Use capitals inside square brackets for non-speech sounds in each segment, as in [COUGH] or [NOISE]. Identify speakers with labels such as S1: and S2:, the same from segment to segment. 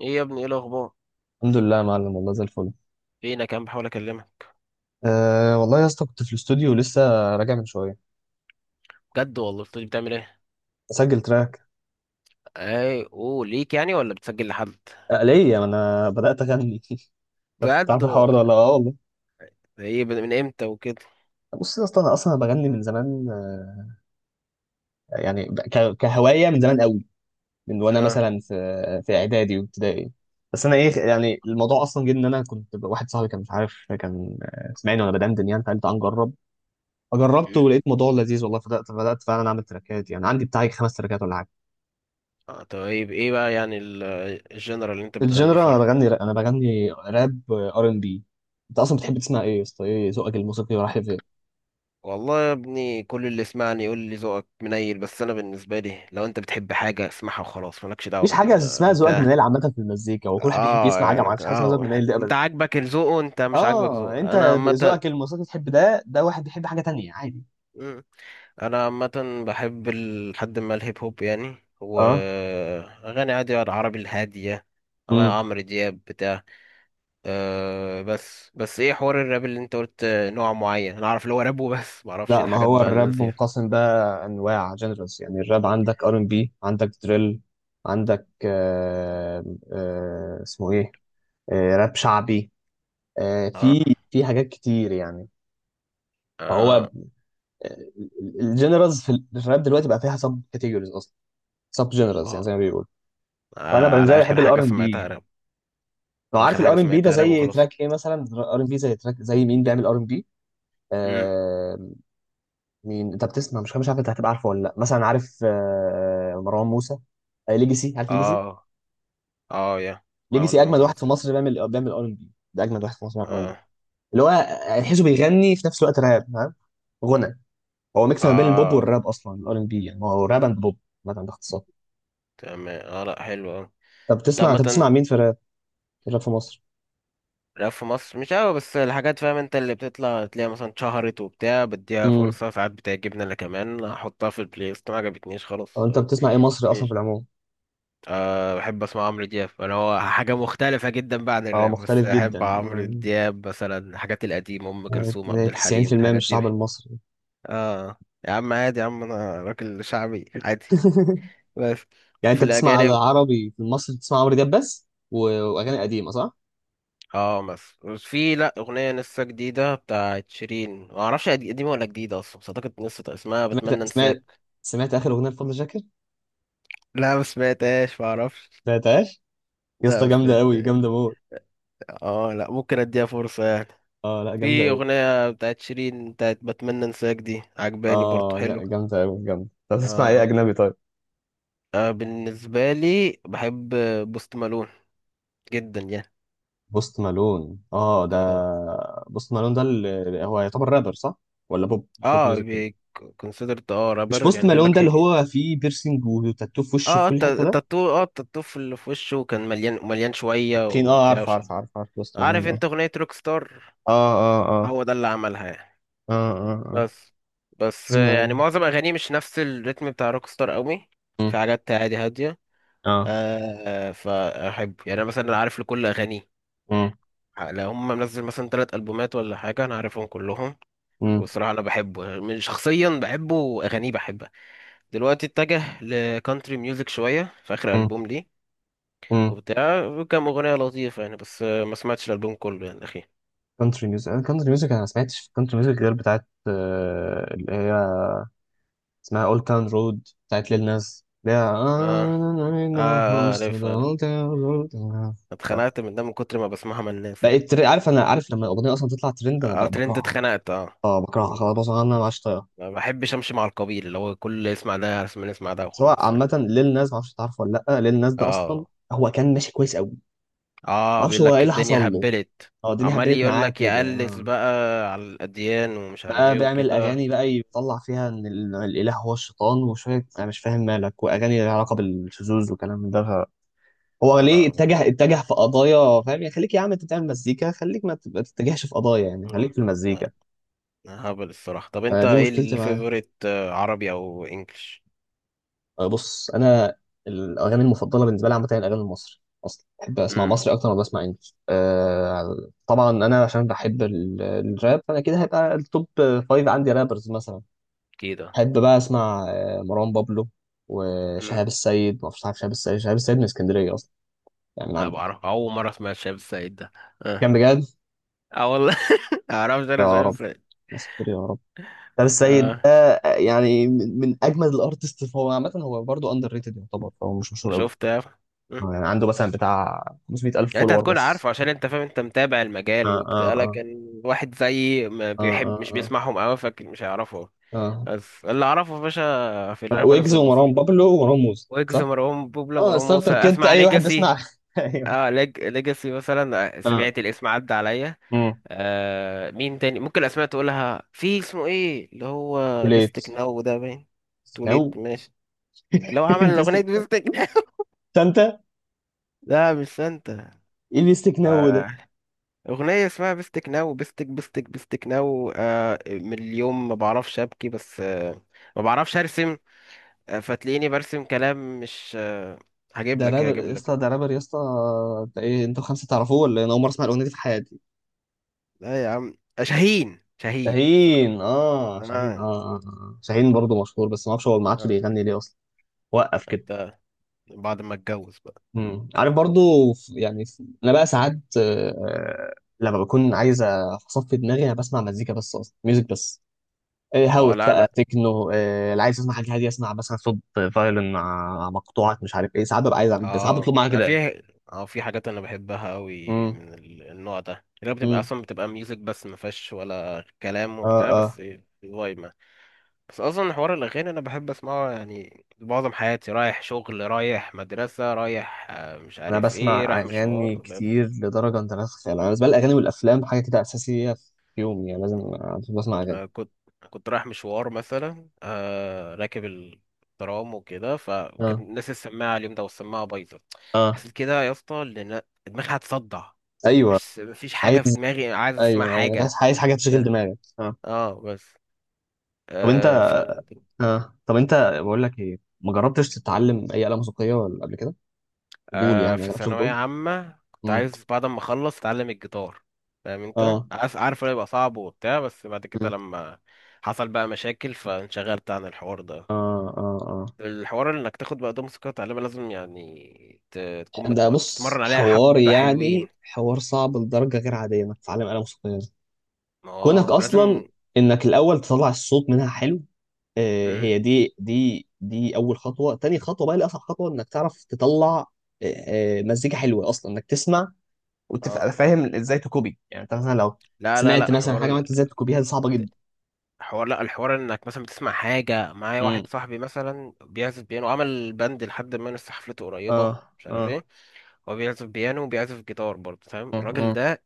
S1: ايه يا ابني، ايه الاخبار؟
S2: الحمد لله يا معلم، والله زي الفل.
S1: فينك يا عم؟ بحاول اكلمك.
S2: أه والله يا اسطى، كنت في الاستوديو لسه راجع من شويه.
S1: بجد والله؟ بتقولي بتعمل ايه؟
S2: اسجل تراك.
S1: اي اوه ليك يعني ولا بتسجل لحد؟
S2: أه ليه، ما انا بدات اغني [LAUGHS] شفت؟
S1: بجد
S2: تعرف الحوار ده ولا؟ اه والله.
S1: ايه؟ من امتى وكده؟
S2: بص يا اسطى، انا اصلا بغني من زمان يعني كهوايه من زمان قوي، من وانا
S1: اه.
S2: مثلا في اعدادي وابتدائي. بس انا ايه يعني، الموضوع اصلا جه ان انا كنت واحد صاحبي كان مش عارف، كان سمعني وانا بدندن يعني، فقال تعال نجرب. فجربت
S1: مم.
S2: ولقيت الموضوع لذيذ والله، فبدات فعلا اعمل تراكات، يعني عندي بتاعي 5 تراكات ولا حاجه.
S1: اه، طيب ايه بقى يعني الجنرال اللي انت بتغني
S2: الجنرال انا
S1: فيها؟
S2: بغني راب، انا بغني راب ار ان بي. انت اصلا بتحب تسمع ايه يا اسطى؟ ايه ذوقك الموسيقي رايح لفين؟
S1: والله يا ابني، كل اللي سمعني يقول لي ذوقك منيل، بس انا بالنسبه لي لو انت بتحب حاجه اسمعها وخلاص، مالكش دعوه
S2: مفيش حاجه اسمها
S1: بال
S2: ذوقك
S1: بتاع.
S2: منيل عامه في المزيكا، وكل واحد بيحب
S1: اه
S2: يسمع حاجه، ما
S1: يعني
S2: فيش حاجه اسمها ذوقك
S1: اه،
S2: منيل دي
S1: انت
S2: ابدا.
S1: عاجبك الذوق وانت مش عاجبك
S2: اه
S1: ذوق
S2: انت
S1: انا عامه.
S2: ذوقك الموسيقي تحب ده، ده واحد بيحب حاجه تانية عادي.
S1: انا عامه بحب لحد ما الهيب هوب يعني،
S2: اه.
S1: واغاني عادي العربي الهاديه، أو
S2: امم
S1: عمرو دياب بتاع. أه، بس ايه حوار الراب اللي انت قلت نوع معين؟ انا اعرف اللي هو راب وبس، ما اعرفش إيه
S2: لا، ما
S1: الحاجات
S2: هو
S1: بقى اللي
S2: الراب
S1: فيها.
S2: منقسم بقى انواع جنرالز، يعني الراب عندك ار ان بي، عندك دريل، عندك اسمه ايه، آه راب شعبي، آه
S1: اه.
S2: في حاجات كتير يعني، فهو
S1: اه.
S2: الجنرالز في الراب دلوقتي بقى فيها سب كاتيجوريز اصلا، سب جنرالز يعني زي
S1: آه.
S2: ما بيقولوا. وانا بالنسبه
S1: على
S2: لي
S1: اخر
S2: بحب
S1: حاجه
S2: الار ان
S1: سمعتها
S2: بي.
S1: راب.
S2: لو عارف
S1: اخر حاجه
S2: الار ان بي ده
S1: سمعتها راب
S2: زي
S1: وخلاص.
S2: تراك ايه مثلا. ار ان بي زي تراك زي مين بيعمل ار ان بي؟
S1: امم.
S2: آه مين انت بتسمع؟ مش عارف انت هتبقى عارفه ولا لا، مثلا عارف مروان موسى؟ آه ليجاسي، عارف ليجاسي؟
S1: اه. اه يا ما
S2: ليجاسي
S1: انهم
S2: اجمد واحد
S1: الناس
S2: في
S1: كده.
S2: مصر بيعمل، ار ان بي، ده اجمد واحد في مصر بيعمل ار ان بي.
S1: اه.
S2: اللي هو تحسه بيغني في نفس الوقت راب، فاهم؟ غنى. هو ميكس ما بين البوب
S1: اه.
S2: والراب اصلا الار ان بي، يعني هو راب اند بوب مثلا باختصار.
S1: تمام، اه، لا حلو أوي. انت
S2: طب بتسمع
S1: عامه؟
S2: مين في الراب؟ غير في مصر.
S1: لا، في مصر مش قوي، بس الحاجات فاهم انت اللي بتطلع تلاقيها مثلا اتشهرت وبتاع بديها
S2: امم.
S1: فرصة، ساعات بتعجبني انا كمان احطها في البلاي ليست، ما عجبتنيش
S2: طب
S1: خلاص
S2: انت بتسمع ايه مصري اصلا في
S1: مش.
S2: العموم؟
S1: أه، بحب اسمع عمرو دياب انا، هو حاجة مختلفة جدا بقى عن
S2: اه
S1: الراب، بس
S2: مختلف
S1: احب
S2: جدا
S1: عمرو دياب مثلا، الحاجات القديمة، ام كلثوم، عبد الحليم،
S2: 90% من
S1: الحاجات دي.
S2: الشعب المصري
S1: اه يا عم، عادي يا عم، انا راجل شعبي عادي.
S2: [LAUGHS]
S1: بس
S2: يعني
S1: في
S2: انت بتسمع
S1: الاجانب،
S2: عربي في مصر بتسمع عمرو دياب بس واغاني قديمه صح؟
S1: اه مثلا في لا اغنيه لسه جديده بتاعت شيرين، ما اعرفش قديمه ولا جديده اصلا، بس اعتقد لسه اسمها بتمنى
S2: سمعت سمعت
S1: انساك.
S2: سمعت اخر اغنيه لفضل شاكر؟
S1: لا، ما سمعتهاش، ما اعرفش.
S2: سمعتهاش؟ يا
S1: لا،
S2: اسطى
S1: ما
S2: جامده قوي،
S1: سمعت.
S2: جامده موت.
S1: اه لا، ممكن اديها فرصه يعني.
S2: اه لا، جامده
S1: في
S2: قوي.
S1: اغنيه بتاعت شيرين، بتاعت بتمنى انساك، دي عجباني برضو،
S2: اه
S1: حلو.
S2: جامده قوي جامده. طب
S1: اه.
S2: تسمع ايه
S1: اه.
S2: اجنبي طيب؟
S1: بالنسبه لي بحب بوست مالون جدا يعني.
S2: بوست مالون. اه ده،
S1: اه.
S2: بوست مالون ده اللي هو يعتبر رابر صح؟ ولا بوب،
S1: اه،
S2: ميوزك؟
S1: كونسيدرت اه
S2: مش
S1: رابر
S2: بوست
S1: يعني، بيقول
S2: مالون
S1: لك.
S2: ده اللي هو فيه بيرسينج وتاتو في وشه في
S1: اه،
S2: كل حته ده؟
S1: التاتو، اه التاتو في في وشه كان مليان، مليان شوية
S2: تخين. اه
S1: وبتاع
S2: عارف،
S1: وشبه.
S2: عارف عارف عارف بوست
S1: عارف
S2: مالون. اه،
S1: انت اغنية روك ستار؟
S2: اه، اه،
S1: هو ده اللي عملها يعني.
S2: اه، اه، اه، اه.
S1: بس،
S2: اسمها ايه؟
S1: يعني معظم اغانيه مش نفس الريتم بتاع روك ستار قوي. في
S2: مم.
S1: حاجات عادي هادية.
S2: اه.
S1: آه، فاحب يعني، انا مثلا عارف لكل اغانيه.
S2: مم.
S1: لو هم منزل مثلا ثلاث البومات ولا حاجة، انا عارفهم كلهم.
S2: مم.
S1: والصراحة انا بحبه من شخصيا بحبه، واغانيه بحبها. دلوقتي اتجه لكانتري ميوزك شوية في اخر
S2: مم.
S1: البوم ليه،
S2: مم.
S1: وبتاع. كام أغنية لطيفة يعني، بس ما سمعتش الألبوم كله يعني أخي.
S2: كونتري ميوزك، انا كونتري ميوزك انا ما سمعتش في كونتري ميوزك غير بتاعت اللي هي اسمها اولد تاون رود، بتاعت ليل ناس اللي
S1: اه.
S2: هي.
S1: اه، عارف عارف. اتخنقت من ده من كتر ما بسمعها من الناس يعني.
S2: بقيت عارف، انا عارف لما الاغنيه اصلا تطلع ترند انا
S1: اه، ترند،
S2: بكرهها.
S1: اتخنقت اه.
S2: اه بكرهها
S1: مم.
S2: خلاص، بصراحة انا ما عادش طايقها.
S1: ما بحبش امشي مع القبيل اللي هو كل اللي يسمع ده اسمع، يسمع ده
S2: سواء
S1: وخلاص
S2: عامة
S1: يعني.
S2: ليل ناس معرفش تعرفه ولا لأ، ليل ناس ده أصلا
S1: اه.
S2: هو كان ماشي كويس أوي.
S1: اه.
S2: معرفش
S1: بيقول
S2: هو إيه
S1: لك
S2: اللي حصل
S1: الدنيا
S2: له.
S1: هبلت.
S2: هو الدنيا
S1: عمال
S2: هبلت
S1: يقول
S2: معاه
S1: لك
S2: كده
S1: يقلس بقى على الاديان، ومش عارف
S2: بقى
S1: ايه
S2: بيعمل
S1: وكده.
S2: أغاني بقى يطلع فيها إن الإله هو الشيطان وشوية، أنا مش فاهم مالك، وأغاني لها علاقة بالشذوذ وكلام من ده. هو ليه
S1: ولا.
S2: اتجه، في قضايا؟ فاهم يعني؟ خليك يا عم، أنت بتعمل مزيكا، خليك ما تبقى تتجهش في قضايا، يعني خليك
S1: لا.
S2: في المزيكا.
S1: لا، هبل الصراحة. طب انت
S2: دي
S1: ايه
S2: مشكلتي معاه.
S1: الفيفوريت عربي او انجلش؟
S2: بص انا الاغاني المفضله بالنسبه لي عامه هي الاغاني المصري، اصلا بحب اسمع
S1: امم.
S2: مصري اكتر ما بسمع انجلش. طبعا انا عشان بحب الراب فانا كده هيبقى التوب فايف عندي رابرز مثلا.
S1: كده.
S2: بحب بقى اسمع مروان بابلو
S1: امم.
S2: وشهاب السيد، ما اعرفش، عارف شهاب السيد؟ شهاب السيد من اسكندريه اصلا يعني، من
S1: لا،
S2: عندك.
S1: بعرف اول مره اسمع الشايب السعيد ده. اه.
S2: كان بجد.
S1: اه والله. [LAUGHS] معرفش انا
S2: يا
S1: الشايب
S2: رب
S1: السعيد.
S2: يا ساتر يا رب. شهاب السيد
S1: اه.
S2: ده يعني من اجمد الارتست هو عامه، هو برضه اندر ريتد يعتبر، فهو مش مشهور قوي.
S1: شفت يا أخي. مم.
S2: يعني عنده مثلا بتاع 500,000
S1: يعني انت
S2: فولور
S1: هتكون
S2: بس.
S1: عارفه عشان انت فاهم، انت متابع المجال
S2: اه،
S1: وبتاع،
S2: اه،
S1: لكن واحد زيي ما
S2: اه،
S1: بيحب مش
S2: اه،
S1: بيسمعهم قوي، فاكر مش هيعرفه.
S2: اه،
S1: بس اللي اعرفه يا باشا في
S2: اه.
S1: الرابرز
S2: ويجز ومروان
S1: المصري،
S2: بابلو ومروان موسى
S1: ويجز،
S2: صح؟
S1: مروان بوبلا،
S2: اه
S1: مروان موسى.
S2: ستارتر كيت،
S1: اسمع
S2: اي واحد
S1: ليجاسي.
S2: بيسمع [LAUGHS] ايوه.
S1: اه ليجاسي مثلا،
S2: اه.
S1: سمعت الاسم عدى عليا.
S2: امم
S1: آه، مين تاني ممكن الاسماء تقولها؟ في اسمه ايه اللي هو
S2: وليت
S1: بيستك ناو ده باين.
S2: نو
S1: توليت، ماشي. اللي هو عمل
S2: [LAUGHS]
S1: الاغنيه
S2: بيستك
S1: دي بيستك ناو.
S2: سانتا.
S1: [LAUGHS] لا مش سانتا.
S2: ايه بيستك نو ده؟
S1: آه، اغنيه اسمها بيستك ناو، بيستك بيستك بيستك ناو آه، من اليوم ما بعرفش ابكي بس آه، ما بعرفش ارسم، آه فتلاقيني برسم كلام مش آه. هجيب
S2: ده
S1: لك
S2: رابر
S1: هجيب
S2: يا
S1: لك.
S2: اسطى، ده رابر يا اسطى، ده ايه؟ انتوا خمسه تعرفوه ولا إيه؟ انا اول مره اسمع الاغنيه دي في حياتي.
S1: لا يا عم، شاهين، شاهين
S2: شاهين.
S1: افتكرت.
S2: اه شاهين. اه،
S1: اه.
S2: اه شاهين برضه مشهور، بس ما اعرفش هو ما عادش
S1: اه.
S2: بيغني ليه اصلا، وقف
S1: طب
S2: كده.
S1: ده بعد ما اتجوز بقى.
S2: مم. عارف برضو، يعني انا بقى ساعات لما بكون عايز اصفي دماغي انا بسمع مزيكا بس، اصلا ميوزك بس. إيه،
S1: ما
S2: هاوس بقى،
S1: لا.
S2: تكنو، إيه اللي عايز، اسمع حاجه هاديه، اسمع مثلا صوت فايولن مع مقطوعات مش عارف ايه. ساعات ببقى عايز اعمل، بس ساعات بطلب
S1: اه،
S2: معايا
S1: أنا
S2: كده يعني.
S1: في. اه، في حاجات انا بحبها قوي
S2: امم.
S1: من النوع ده، اللي هي بتبقى
S2: امم.
S1: اصلا بتبقى ميوزك بس، ما فيهاش ولا كلام
S2: اه.
S1: وبتاع
S2: اه.
S1: بس. فايبه. بس اصلا حوار الاغاني انا بحب اسمعه يعني، معظم حياتي رايح شغل، رايح مدرسه، رايح مش
S2: انا
S1: عارف ايه،
S2: بسمع
S1: رايح
S2: اغاني
S1: مشوار.
S2: كتير لدرجه انت لا تتخيل، انا بالنسبه لي الاغاني والافلام حاجه كده اساسيه في يومي، يعني لازم أنا بسمع اغاني.
S1: آه، كنت كنت رايح مشوار مثلا، راكب الترام وكده، فكان
S2: اه.
S1: الناس السماعه اليوم ده، والسماعه بايظه.
S2: اه.
S1: حسيت كده يا اسطى ان دماغي هتصدع.
S2: ايوه
S1: مش، مفيش
S2: عايز،
S1: حاجه في دماغي، عايز اسمع
S2: ايوه، ايوه عايز،
S1: حاجه.
S2: حاجه تشغل
S1: ده.
S2: دماغك اه.
S1: اه بس.
S2: طب
S1: آه
S2: انت
S1: ف.
S2: اه طب انت، بقول لك ايه، ما جربتش تتعلم اي آلة موسيقية ولا قبل كده؟ فضول
S1: آه،
S2: يعني، ما
S1: في
S2: جربتش
S1: ثانويه
S2: فضول؟
S1: عامه كنت
S2: امم.
S1: عايز بعد ما اخلص اتعلم الجيتار، فاهم انت؟
S2: اه.
S1: عارف انه يبقى صعب وبتاع، بس بعد كده
S2: امم.
S1: لما حصل بقى مشاكل فانشغلت عن الحوار ده.
S2: اه، اه، اه.
S1: الحوار انك تاخد بقى دوم سكوت غالبا، لازم يعني تكون
S2: ده بص،
S1: تتمرن عليها
S2: حوار
S1: حبة حلوين.
S2: يعني حوار صعب لدرجة غير عادية انك تتعلم آلة موسيقية دي، كونك
S1: اه،
S2: اصلا
S1: ولازم.
S2: انك الاول تطلع الصوت منها حلو. آه
S1: مم.
S2: هي دي، دي اول خطوة. تاني خطوة بقى اللي اصعب خطوة، انك تعرف تطلع آه مزيكا حلوة اصلا انك تسمع،
S1: اه.
S2: وتبقى فاهم ازاي تكوبي، يعني انت مثلا لو
S1: لا لا
S2: سمعت
S1: لا
S2: مثلا
S1: حوار
S2: حاجة، ما انت ازاي تكوبيها؟ دي صعبة جدا.
S1: حوار. لا، الحوار انك مثلا بتسمع حاجة. معايا
S2: مم.
S1: واحد صاحبي مثلا بيعزف بيانو، عمل باند لحد ما لسه حفلته قريبة،
S2: اه،
S1: مش عارف
S2: اه،
S1: ايه. هو بيعزف بيانو وبيعزف جيتار برضه، فاهم
S2: اه،
S1: الراجل
S2: اه،
S1: ده.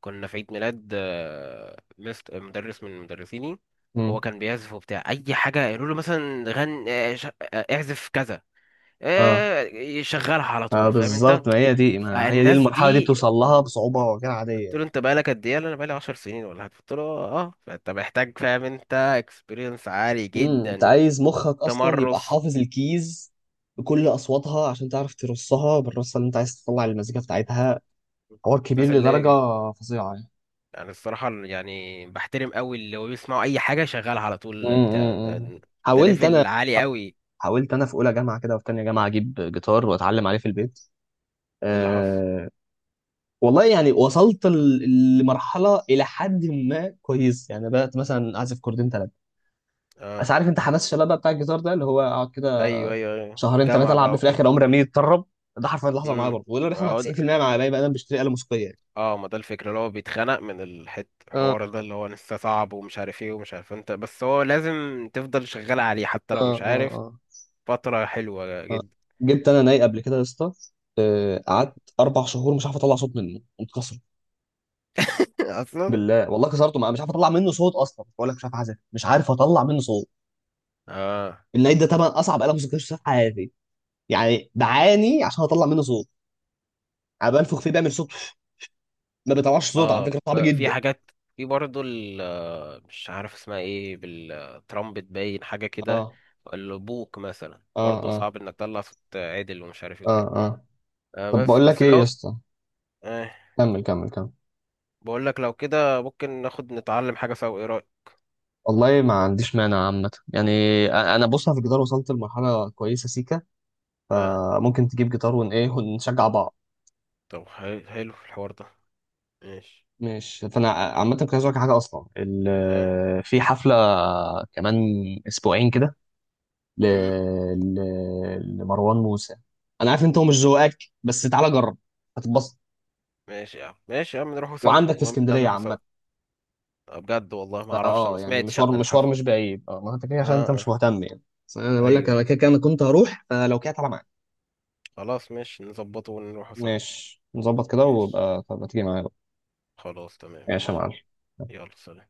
S1: كنا في عيد ميلاد مدرس من مدرسيني. هو
S2: اه.
S1: كان بيعزف وبتاع اي حاجة يقولوا له، مثلا غن اعزف كذا،
S2: آه.
S1: يشغلها على طول، فاهم انت؟
S2: بالظبط، ما هي دي، ما هي دي
S1: فالناس
S2: المرحله دي
S1: دي،
S2: بتوصل لها بصعوبه غير عاديه
S1: قلت
S2: يعني.
S1: له انت بقالك قد ايه؟ قال لي انا بقالي 10 سنين ولا حاجه. قلت له اه آه. فانت محتاج فاهم انت، اكسبيرينس عالي
S2: امم. انت
S1: جدا،
S2: عايز مخك اصلا يبقى
S1: تمرس.
S2: حافظ الكيز بكل اصواتها، عشان تعرف ترصها بالرصه اللي انت عايز تطلع المزيكا بتاعتها. حوار كبير
S1: الناس
S2: لدرجه
S1: اللي
S2: فظيعه يعني.
S1: يعني، الصراحه يعني بحترم قوي اللي هو بيسمعوا اي حاجه شغالها على طول
S2: امم.
S1: البتاع ده،
S2: أمم.
S1: ده
S2: حاولت انا،
S1: ليفل عالي قوي.
S2: في اولى جامعه كده وفي تانية جامعه اجيب جيتار واتعلم عليه في البيت.
S1: اللي حصل.
S2: أه والله يعني، وصلت لمرحله الى حد ما كويس يعني، بدات مثلا اعزف كوردين ثلاثه. بس
S1: اه،
S2: عارف انت حماس الشباب بقى بتاع الجيتار ده اللي هو اقعد كده
S1: ايوه ايوه ايوه،
S2: شهرين ثلاثه
S1: جامعه
S2: العب
S1: بقى
S2: بيه، في
S1: وكده.
S2: الاخر عمري رميه يتطرب. ده حرفيا اللي حصل معايا
S1: امم.
S2: برضه، وده اللي بيحصل مع 90% مع باقي بقى انا بشتري آلة موسيقية يعني.
S1: اه ما ده الفكرة، اللي هو بيتخنق من الحوار ده اللي هو لسه صعب، ومش عارف ايه ومش عارف انت، بس هو لازم تفضل شغال عليه حتى
S2: اه،
S1: لو مش
S2: اه،
S1: عارف.
S2: اه.
S1: فترة حلوة
S2: آه.
S1: جدا.
S2: جبت انا ناي قبل كده يا اسطى. قعدت 4 شهور مش عارف اطلع صوت منه، متكسر
S1: [LAUGHS] اصلا.
S2: بالله والله كسرته، مش عارف اطلع منه صوت اصلا. بقول لك مش عارف اعزف، مش عارف اطلع منه صوت.
S1: اه.
S2: الناي ده طبعا اصعب آلة موسيقية شفتها في حياتي، يعني بعاني عشان اطلع منه صوت. انا بنفخ فيه بيعمل صوت، ما بيطلعش صوت، على
S1: اه
S2: فكرة صعب
S1: في
S2: جدا.
S1: حاجات. في برضه مش عارف اسمها ايه، بالترامبت باين حاجة كده.
S2: اه،
S1: البوق مثلا
S2: اه،
S1: برضه
S2: اه،
S1: صعب انك تطلع صوت عدل ومش عارف ايه
S2: اه.
S1: وكده.
S2: آه.
S1: آه،
S2: طب
S1: بس
S2: بقول لك
S1: بس
S2: ايه يا
S1: لو.
S2: اسطى،
S1: آه،
S2: كمل كمل كمل.
S1: بقول لك لو كده ممكن ناخد نتعلم حاجة سوا، ايه رأيك؟
S2: والله ما عنديش مانع عامة يعني. انا بص في الجيتار وصلت لمرحلة كويسة سيكا،
S1: اه،
S2: فممكن تجيب جيتار ون ايه ونشجع بعض.
S1: طب حلو، حلو الحوار ده، ماشي.
S2: مش فانا عامة كنت عايز أقولك حاجة اصلا،
S1: ايه؟
S2: في حفلة كمان اسبوعين كده ل...
S1: مم.
S2: ل... لمروان موسى. انا عارف انت هو مش ذوقك، بس تعالى جرب هتتبسط،
S1: ماشي يا عم، ماشي يا عم، نروحوا سوا،
S2: وعندك في
S1: المهم احنا
S2: اسكندرية
S1: هنروحوا سوا.
S2: عامة،
S1: بجد والله ما اعرفش، انا ما
S2: فاه يعني
S1: سمعتش عن
S2: مشوار، مشوار
S1: الحفل.
S2: مش بعيد اه. ما انت كده
S1: اه.
S2: عشان انت
S1: اه.
S2: مش مهتم يعني، بس انا بقول لك
S1: ايوه
S2: انا
S1: ايوه.
S2: كده كده، انا كنت هروح فلو كده تعالى معايا.
S1: خلاص ماشي، نظبطه ونروحوا سوا.
S2: ماشي نظبط كده،
S1: ماشي،
S2: ويبقى طب ما تيجي معايا بقى.
S1: خلاص، تمام،
S2: ماشي يا
S1: ماشي.
S2: معلم.
S1: يلا سلام.